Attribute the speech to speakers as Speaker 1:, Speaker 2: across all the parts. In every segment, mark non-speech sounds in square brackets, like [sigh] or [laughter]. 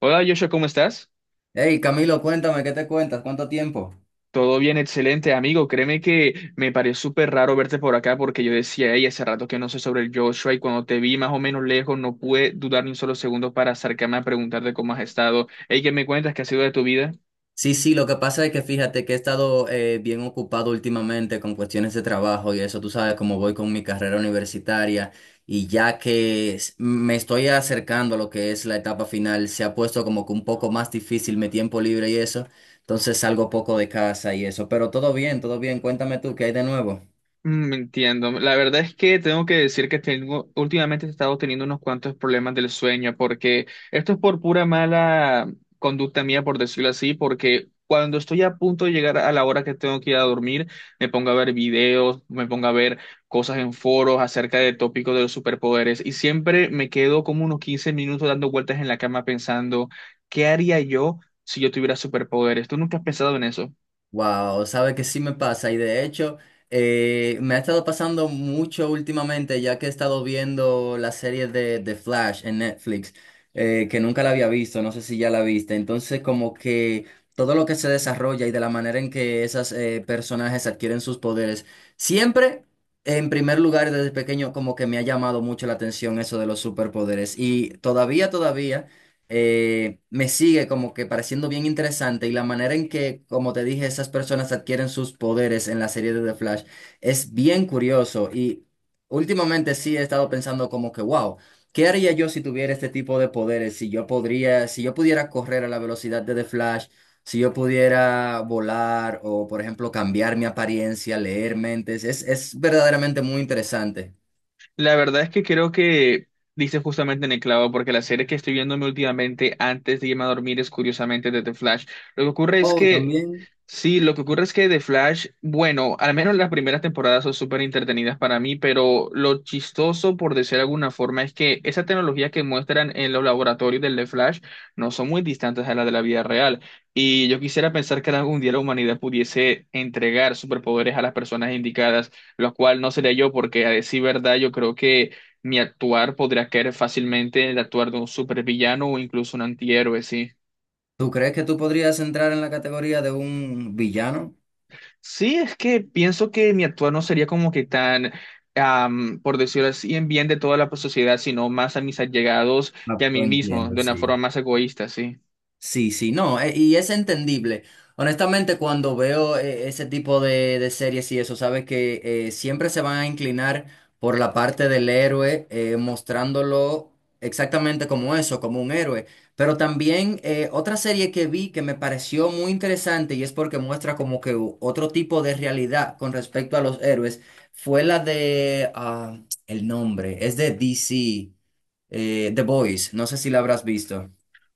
Speaker 1: Hola Joshua, ¿cómo estás?
Speaker 2: Hey, Camilo, cuéntame, ¿qué te cuentas? ¿Cuánto tiempo?
Speaker 1: Todo bien, excelente amigo. Créeme que me pareció súper raro verte por acá porque yo decía, hey, hace rato que no sé sobre el Joshua y cuando te vi más o menos lejos no pude dudar ni un solo segundo para acercarme a preguntarte cómo has estado. Hey, ¿qué me cuentas? ¿Qué ha sido de tu vida?
Speaker 2: Sí, sí, lo que pasa es que fíjate que he estado bien ocupado últimamente con cuestiones de trabajo y eso, tú sabes cómo voy con mi carrera universitaria y ya que me estoy acercando a lo que es la etapa final, se ha puesto como que un poco más difícil mi tiempo libre y eso, entonces salgo poco de casa y eso, pero todo bien, cuéntame tú, ¿qué hay de nuevo?
Speaker 1: Entiendo. La verdad es que tengo que decir que últimamente he estado teniendo unos cuantos problemas del sueño, porque esto es por pura mala conducta mía, por decirlo así, porque cuando estoy a punto de llegar a la hora que tengo que ir a dormir, me pongo a ver videos, me pongo a ver cosas en foros acerca de tópicos de los superpoderes, y siempre me quedo como unos 15 minutos dando vueltas en la cama pensando, ¿qué haría yo si yo tuviera superpoderes? ¿Tú nunca has pensado en eso?
Speaker 2: Wow, sabe que sí me pasa y de hecho me ha estado pasando mucho últimamente ya que he estado viendo la serie de Flash en Netflix, que nunca la había visto, no sé si ya la viste, entonces como que todo lo que se desarrolla y de la manera en que esos personajes adquieren sus poderes, siempre en primer lugar desde pequeño como que me ha llamado mucho la atención eso de los superpoderes y todavía me sigue como que pareciendo bien interesante y la manera en que, como te dije, esas personas adquieren sus poderes en la serie de The Flash es bien curioso. Y últimamente sí he estado pensando como que, wow, ¿qué haría yo si tuviera este tipo de poderes? Si yo podría, si yo pudiera correr a la velocidad de The Flash, si yo pudiera volar o, por ejemplo, cambiar mi apariencia, leer mentes, es verdaderamente muy interesante.
Speaker 1: La verdad es que creo que dices justamente en el clavo, porque la serie que estoy viéndome últimamente antes de irme a dormir es curiosamente de The Flash. Lo que ocurre es
Speaker 2: O
Speaker 1: que,
Speaker 2: también,
Speaker 1: sí, lo que ocurre es que The Flash, bueno, al menos las primeras temporadas son súper entretenidas para mí, pero lo chistoso, por decir de alguna forma, es que esa tecnología que muestran en los laboratorios del The Flash no son muy distantes a la de la vida real. Y yo quisiera pensar que algún día la humanidad pudiese entregar superpoderes a las personas indicadas, lo cual no sería yo porque a decir verdad yo creo que mi actuar podría caer fácilmente en el actuar de un supervillano o incluso un antihéroe, sí.
Speaker 2: ¿tú crees que tú podrías entrar en la categoría de un villano?
Speaker 1: Sí, es que pienso que mi actuar no sería como que tan, por decirlo así, en bien de toda la sociedad, sino más a mis allegados
Speaker 2: Ah,
Speaker 1: y a mí
Speaker 2: pues
Speaker 1: mismo,
Speaker 2: entiendo,
Speaker 1: de una
Speaker 2: sí.
Speaker 1: forma más egoísta, sí.
Speaker 2: Sí, sí, no, y es entendible. Honestamente, cuando veo ese tipo de series y eso, sabes que siempre se van a inclinar por la parte del héroe, mostrándolo exactamente como eso, como un héroe. Pero también, otra serie que vi que me pareció muy interesante y es porque muestra como que otro tipo de realidad con respecto a los héroes fue la de, ah, el nombre, es de DC, The Boys, no sé si la habrás visto.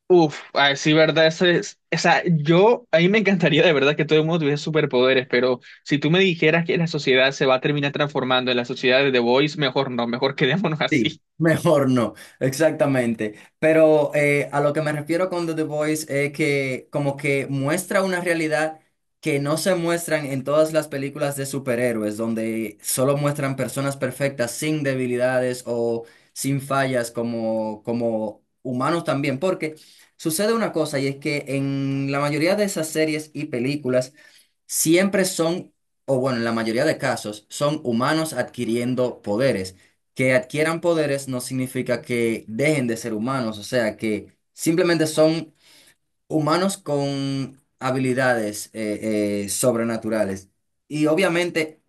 Speaker 1: Uf, a decir verdad, eso es, o sea, yo, a mí me encantaría de verdad que todo el mundo tuviese superpoderes, pero si tú me dijeras que la sociedad se va a terminar transformando en la sociedad de The Voice, mejor no, mejor quedémonos [laughs]
Speaker 2: Sí,
Speaker 1: así.
Speaker 2: [laughs] mejor no, exactamente. Pero a lo que me refiero con The Voice es que como que muestra una realidad que no se muestran en todas las películas de superhéroes, donde solo muestran personas perfectas sin debilidades o sin fallas como humanos también. Porque sucede una cosa y es que en la mayoría de esas series y películas siempre son, o bueno, en la mayoría de casos, son humanos adquiriendo poderes que adquieran poderes no significa que dejen de ser humanos, o sea, que simplemente son humanos con habilidades sobrenaturales. Y obviamente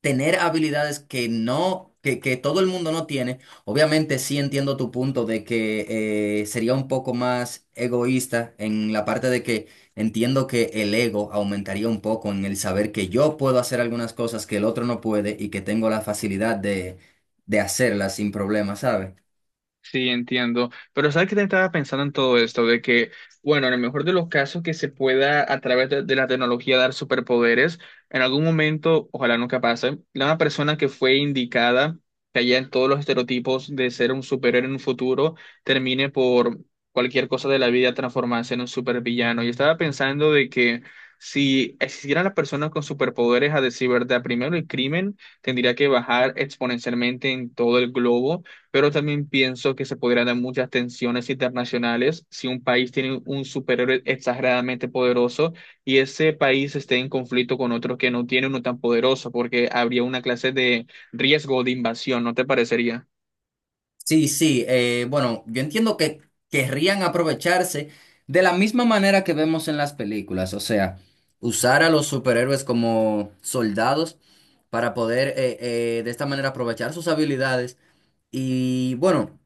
Speaker 2: tener habilidades que todo el mundo no tiene. Obviamente sí entiendo tu punto de que, sería un poco más egoísta en la parte de que entiendo que el ego aumentaría un poco en el saber que yo puedo hacer algunas cosas que el otro no puede y que tengo la facilidad de hacerlas sin problema, ¿sabes?
Speaker 1: Sí, entiendo. Pero ¿sabes qué te estaba pensando en todo esto? De que, bueno, en el mejor de los casos que se pueda a través de la tecnología dar superpoderes, en algún momento, ojalá nunca pase, la una persona que fue indicada, que haya en todos los estereotipos de ser un superhéroe en un futuro, termine por cualquier cosa de la vida transformarse en un supervillano. Y estaba pensando de que si existieran las personas con superpoderes, a decir verdad, primero el crimen tendría que bajar exponencialmente en todo el globo, pero también pienso que se podrían dar muchas tensiones internacionales si un país tiene un superhéroe exageradamente poderoso y ese país esté en conflicto con otro que no tiene uno tan poderoso, porque habría una clase de riesgo de invasión, ¿no te parecería?
Speaker 2: Sí, sí, bueno, yo entiendo que querrían aprovecharse de la misma manera que vemos en las películas, o sea, usar a los superhéroes como soldados para poder de esta manera aprovechar sus habilidades. Y bueno,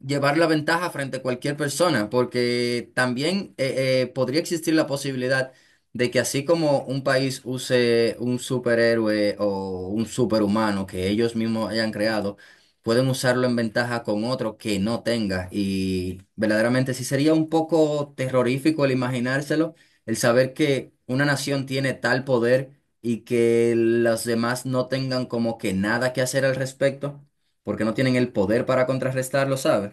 Speaker 2: llevar la ventaja frente a cualquier persona, porque también, podría existir la posibilidad de que así como un país use un superhéroe o un superhumano que ellos mismos hayan creado, pueden usarlo en ventaja con otro que no tenga. Y verdaderamente sí sería un poco terrorífico el imaginárselo, el saber que una nación tiene tal poder y que los demás no tengan como que nada que hacer al respecto, porque no tienen el poder para contrarrestarlo, ¿sabes?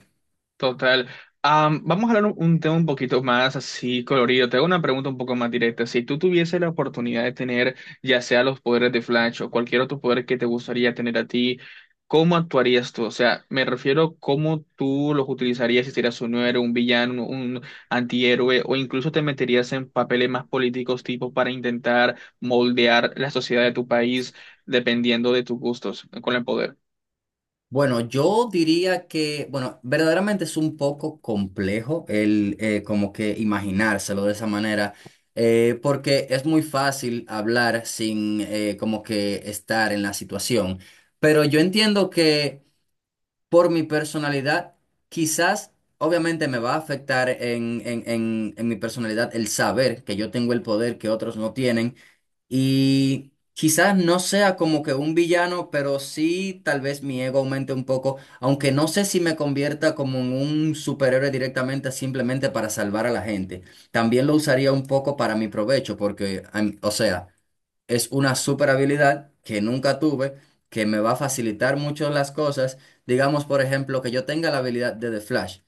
Speaker 1: Total. Vamos a hablar un tema un poquito más así colorido. Te hago una pregunta un poco más directa. Si tú tuvieses la oportunidad de tener ya sea los poderes de Flash o cualquier otro poder que te gustaría tener a ti, ¿cómo actuarías tú? O sea, me refiero cómo tú los utilizarías si serías un héroe, un villano, un antihéroe, o incluso te meterías en papeles más políticos tipo para intentar moldear la sociedad de tu país dependiendo de tus gustos con el poder.
Speaker 2: Bueno, yo diría que, bueno, verdaderamente es un poco complejo el, como que imaginárselo de esa manera, porque es muy fácil hablar sin, como que estar en la situación. Pero yo entiendo que por mi personalidad, quizás, obviamente me va a afectar en mi personalidad el saber que yo tengo el poder que otros no tienen. Y quizás no sea como que un villano, pero sí tal vez mi ego aumente un poco, aunque no sé si me convierta como en un superhéroe directamente simplemente para salvar a la gente. También lo usaría un poco para mi provecho, porque, o sea, es una super habilidad que nunca tuve, que me va a facilitar mucho las cosas. Digamos, por ejemplo, que yo tenga la habilidad de The Flash.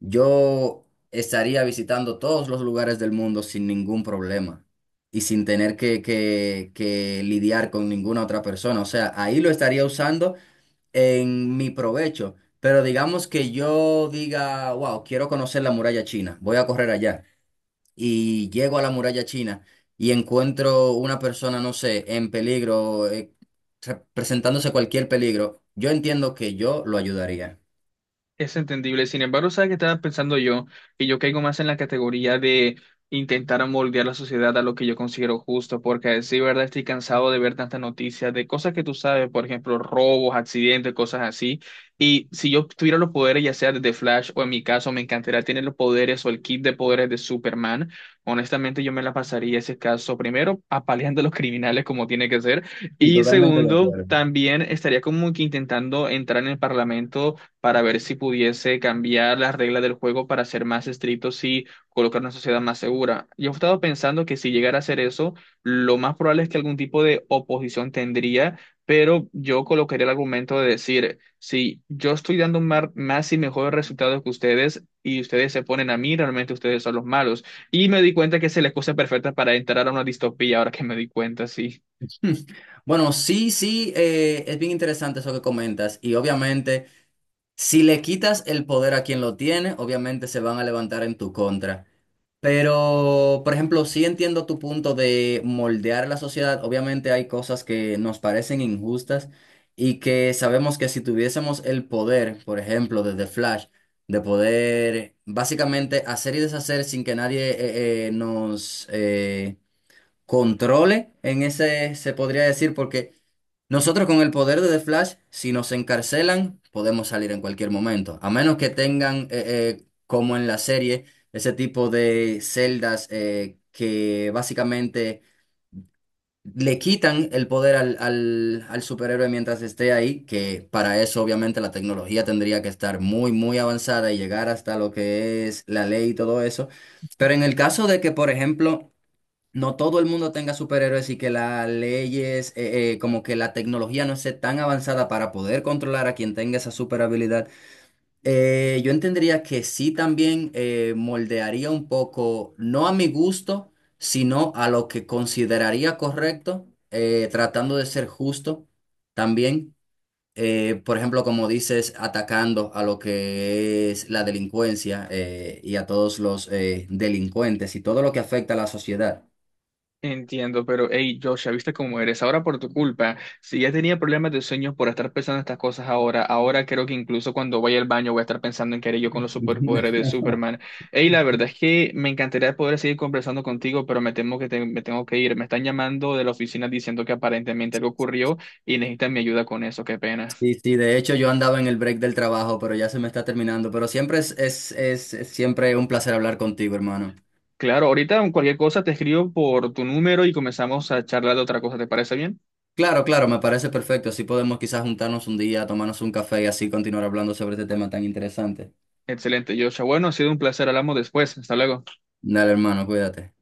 Speaker 2: Yo estaría visitando todos los lugares del mundo sin ningún problema y sin tener que lidiar con ninguna otra persona. O sea, ahí lo estaría usando en mi provecho. Pero digamos que yo diga, wow, quiero conocer la muralla china, voy a correr allá y llego a la muralla china y encuentro una persona, no sé, en peligro, presentándose cualquier peligro, yo entiendo que yo lo ayudaría.
Speaker 1: Es entendible. Sin embargo, ¿sabes qué estaba pensando yo? Que yo caigo más en la categoría de intentar moldear la sociedad a lo que yo considero justo, porque a decir verdad estoy cansado de ver tantas noticias de cosas que tú sabes, por ejemplo, robos, accidentes, cosas así. Y si yo tuviera los poderes, ya sea de The Flash o en mi caso, me encantaría tener los poderes o el kit de poderes de Superman. Honestamente, yo me la pasaría ese caso primero apaleando a los criminales como tiene que ser.
Speaker 2: Sí,
Speaker 1: Y
Speaker 2: totalmente de
Speaker 1: segundo,
Speaker 2: acuerdo.
Speaker 1: también estaría como que intentando entrar en el parlamento para ver si pudiese cambiar las reglas del juego para ser más estrictos y colocar una sociedad más segura. Yo he estado pensando que si llegara a hacer eso, lo más probable es que algún tipo de oposición tendría, pero yo colocaría el argumento de decir, si yo estoy dando más y mejores resultados que ustedes y ustedes se ponen a mí, realmente ustedes son los malos. Y me di cuenta que es la excusa perfecta para entrar a una distopía, ahora que me di cuenta, sí.
Speaker 2: Hmm. Bueno, sí, sí, es bien interesante eso que comentas. Y obviamente, si le quitas el poder a quien lo tiene, obviamente se van a levantar en tu contra. Pero, por ejemplo, sí entiendo tu punto de moldear la sociedad. Obviamente hay cosas que nos parecen injustas y que sabemos que si tuviésemos el poder, por ejemplo, desde Flash, de poder básicamente hacer y deshacer sin que nadie nos... controle en ese, se podría decir, porque nosotros con el poder de The Flash, si nos encarcelan, podemos salir en cualquier momento, a menos que tengan, como en la serie, ese tipo de celdas que básicamente le quitan el poder al superhéroe mientras esté ahí, que para eso obviamente la tecnología tendría que estar muy, muy avanzada y llegar hasta lo que es la ley y todo eso. Pero en el caso de que, por ejemplo, no todo el mundo tenga superhéroes y que las leyes, como que la tecnología no esté tan avanzada para poder controlar a quien tenga esa super habilidad, yo entendería que sí también, moldearía un poco, no a mi gusto, sino a lo que consideraría correcto, tratando de ser justo también. Por ejemplo, como dices, atacando a lo que es la delincuencia y a todos los delincuentes y todo lo que afecta a la sociedad.
Speaker 1: Entiendo, pero hey, Joshua, ¿viste cómo eres? Ahora por tu culpa, si ya tenía problemas de sueño por estar pensando estas cosas ahora, ahora creo que incluso cuando vaya al baño voy a estar pensando en que haré yo con los superpoderes de
Speaker 2: [laughs]
Speaker 1: Superman. Hey, la verdad es que me encantaría poder seguir conversando contigo, pero me temo que me tengo que ir. Me están llamando de la oficina diciendo que aparentemente algo ocurrió y necesitan mi ayuda con eso, qué pena.
Speaker 2: Sí, sí, de hecho yo andaba en el break del trabajo, pero ya se me está terminando. Pero siempre es siempre un placer hablar contigo, hermano.
Speaker 1: Claro, ahorita cualquier cosa te escribo por tu número y comenzamos a charlar de otra cosa, ¿te parece bien?
Speaker 2: Claro, claro, me parece perfecto. Así podemos quizás juntarnos un día, tomarnos un café y así continuar hablando sobre este tema tan interesante.
Speaker 1: Excelente, Joshua. Bueno, ha sido un placer, hablamos después. Hasta luego.
Speaker 2: Dale, hermano, cuídate.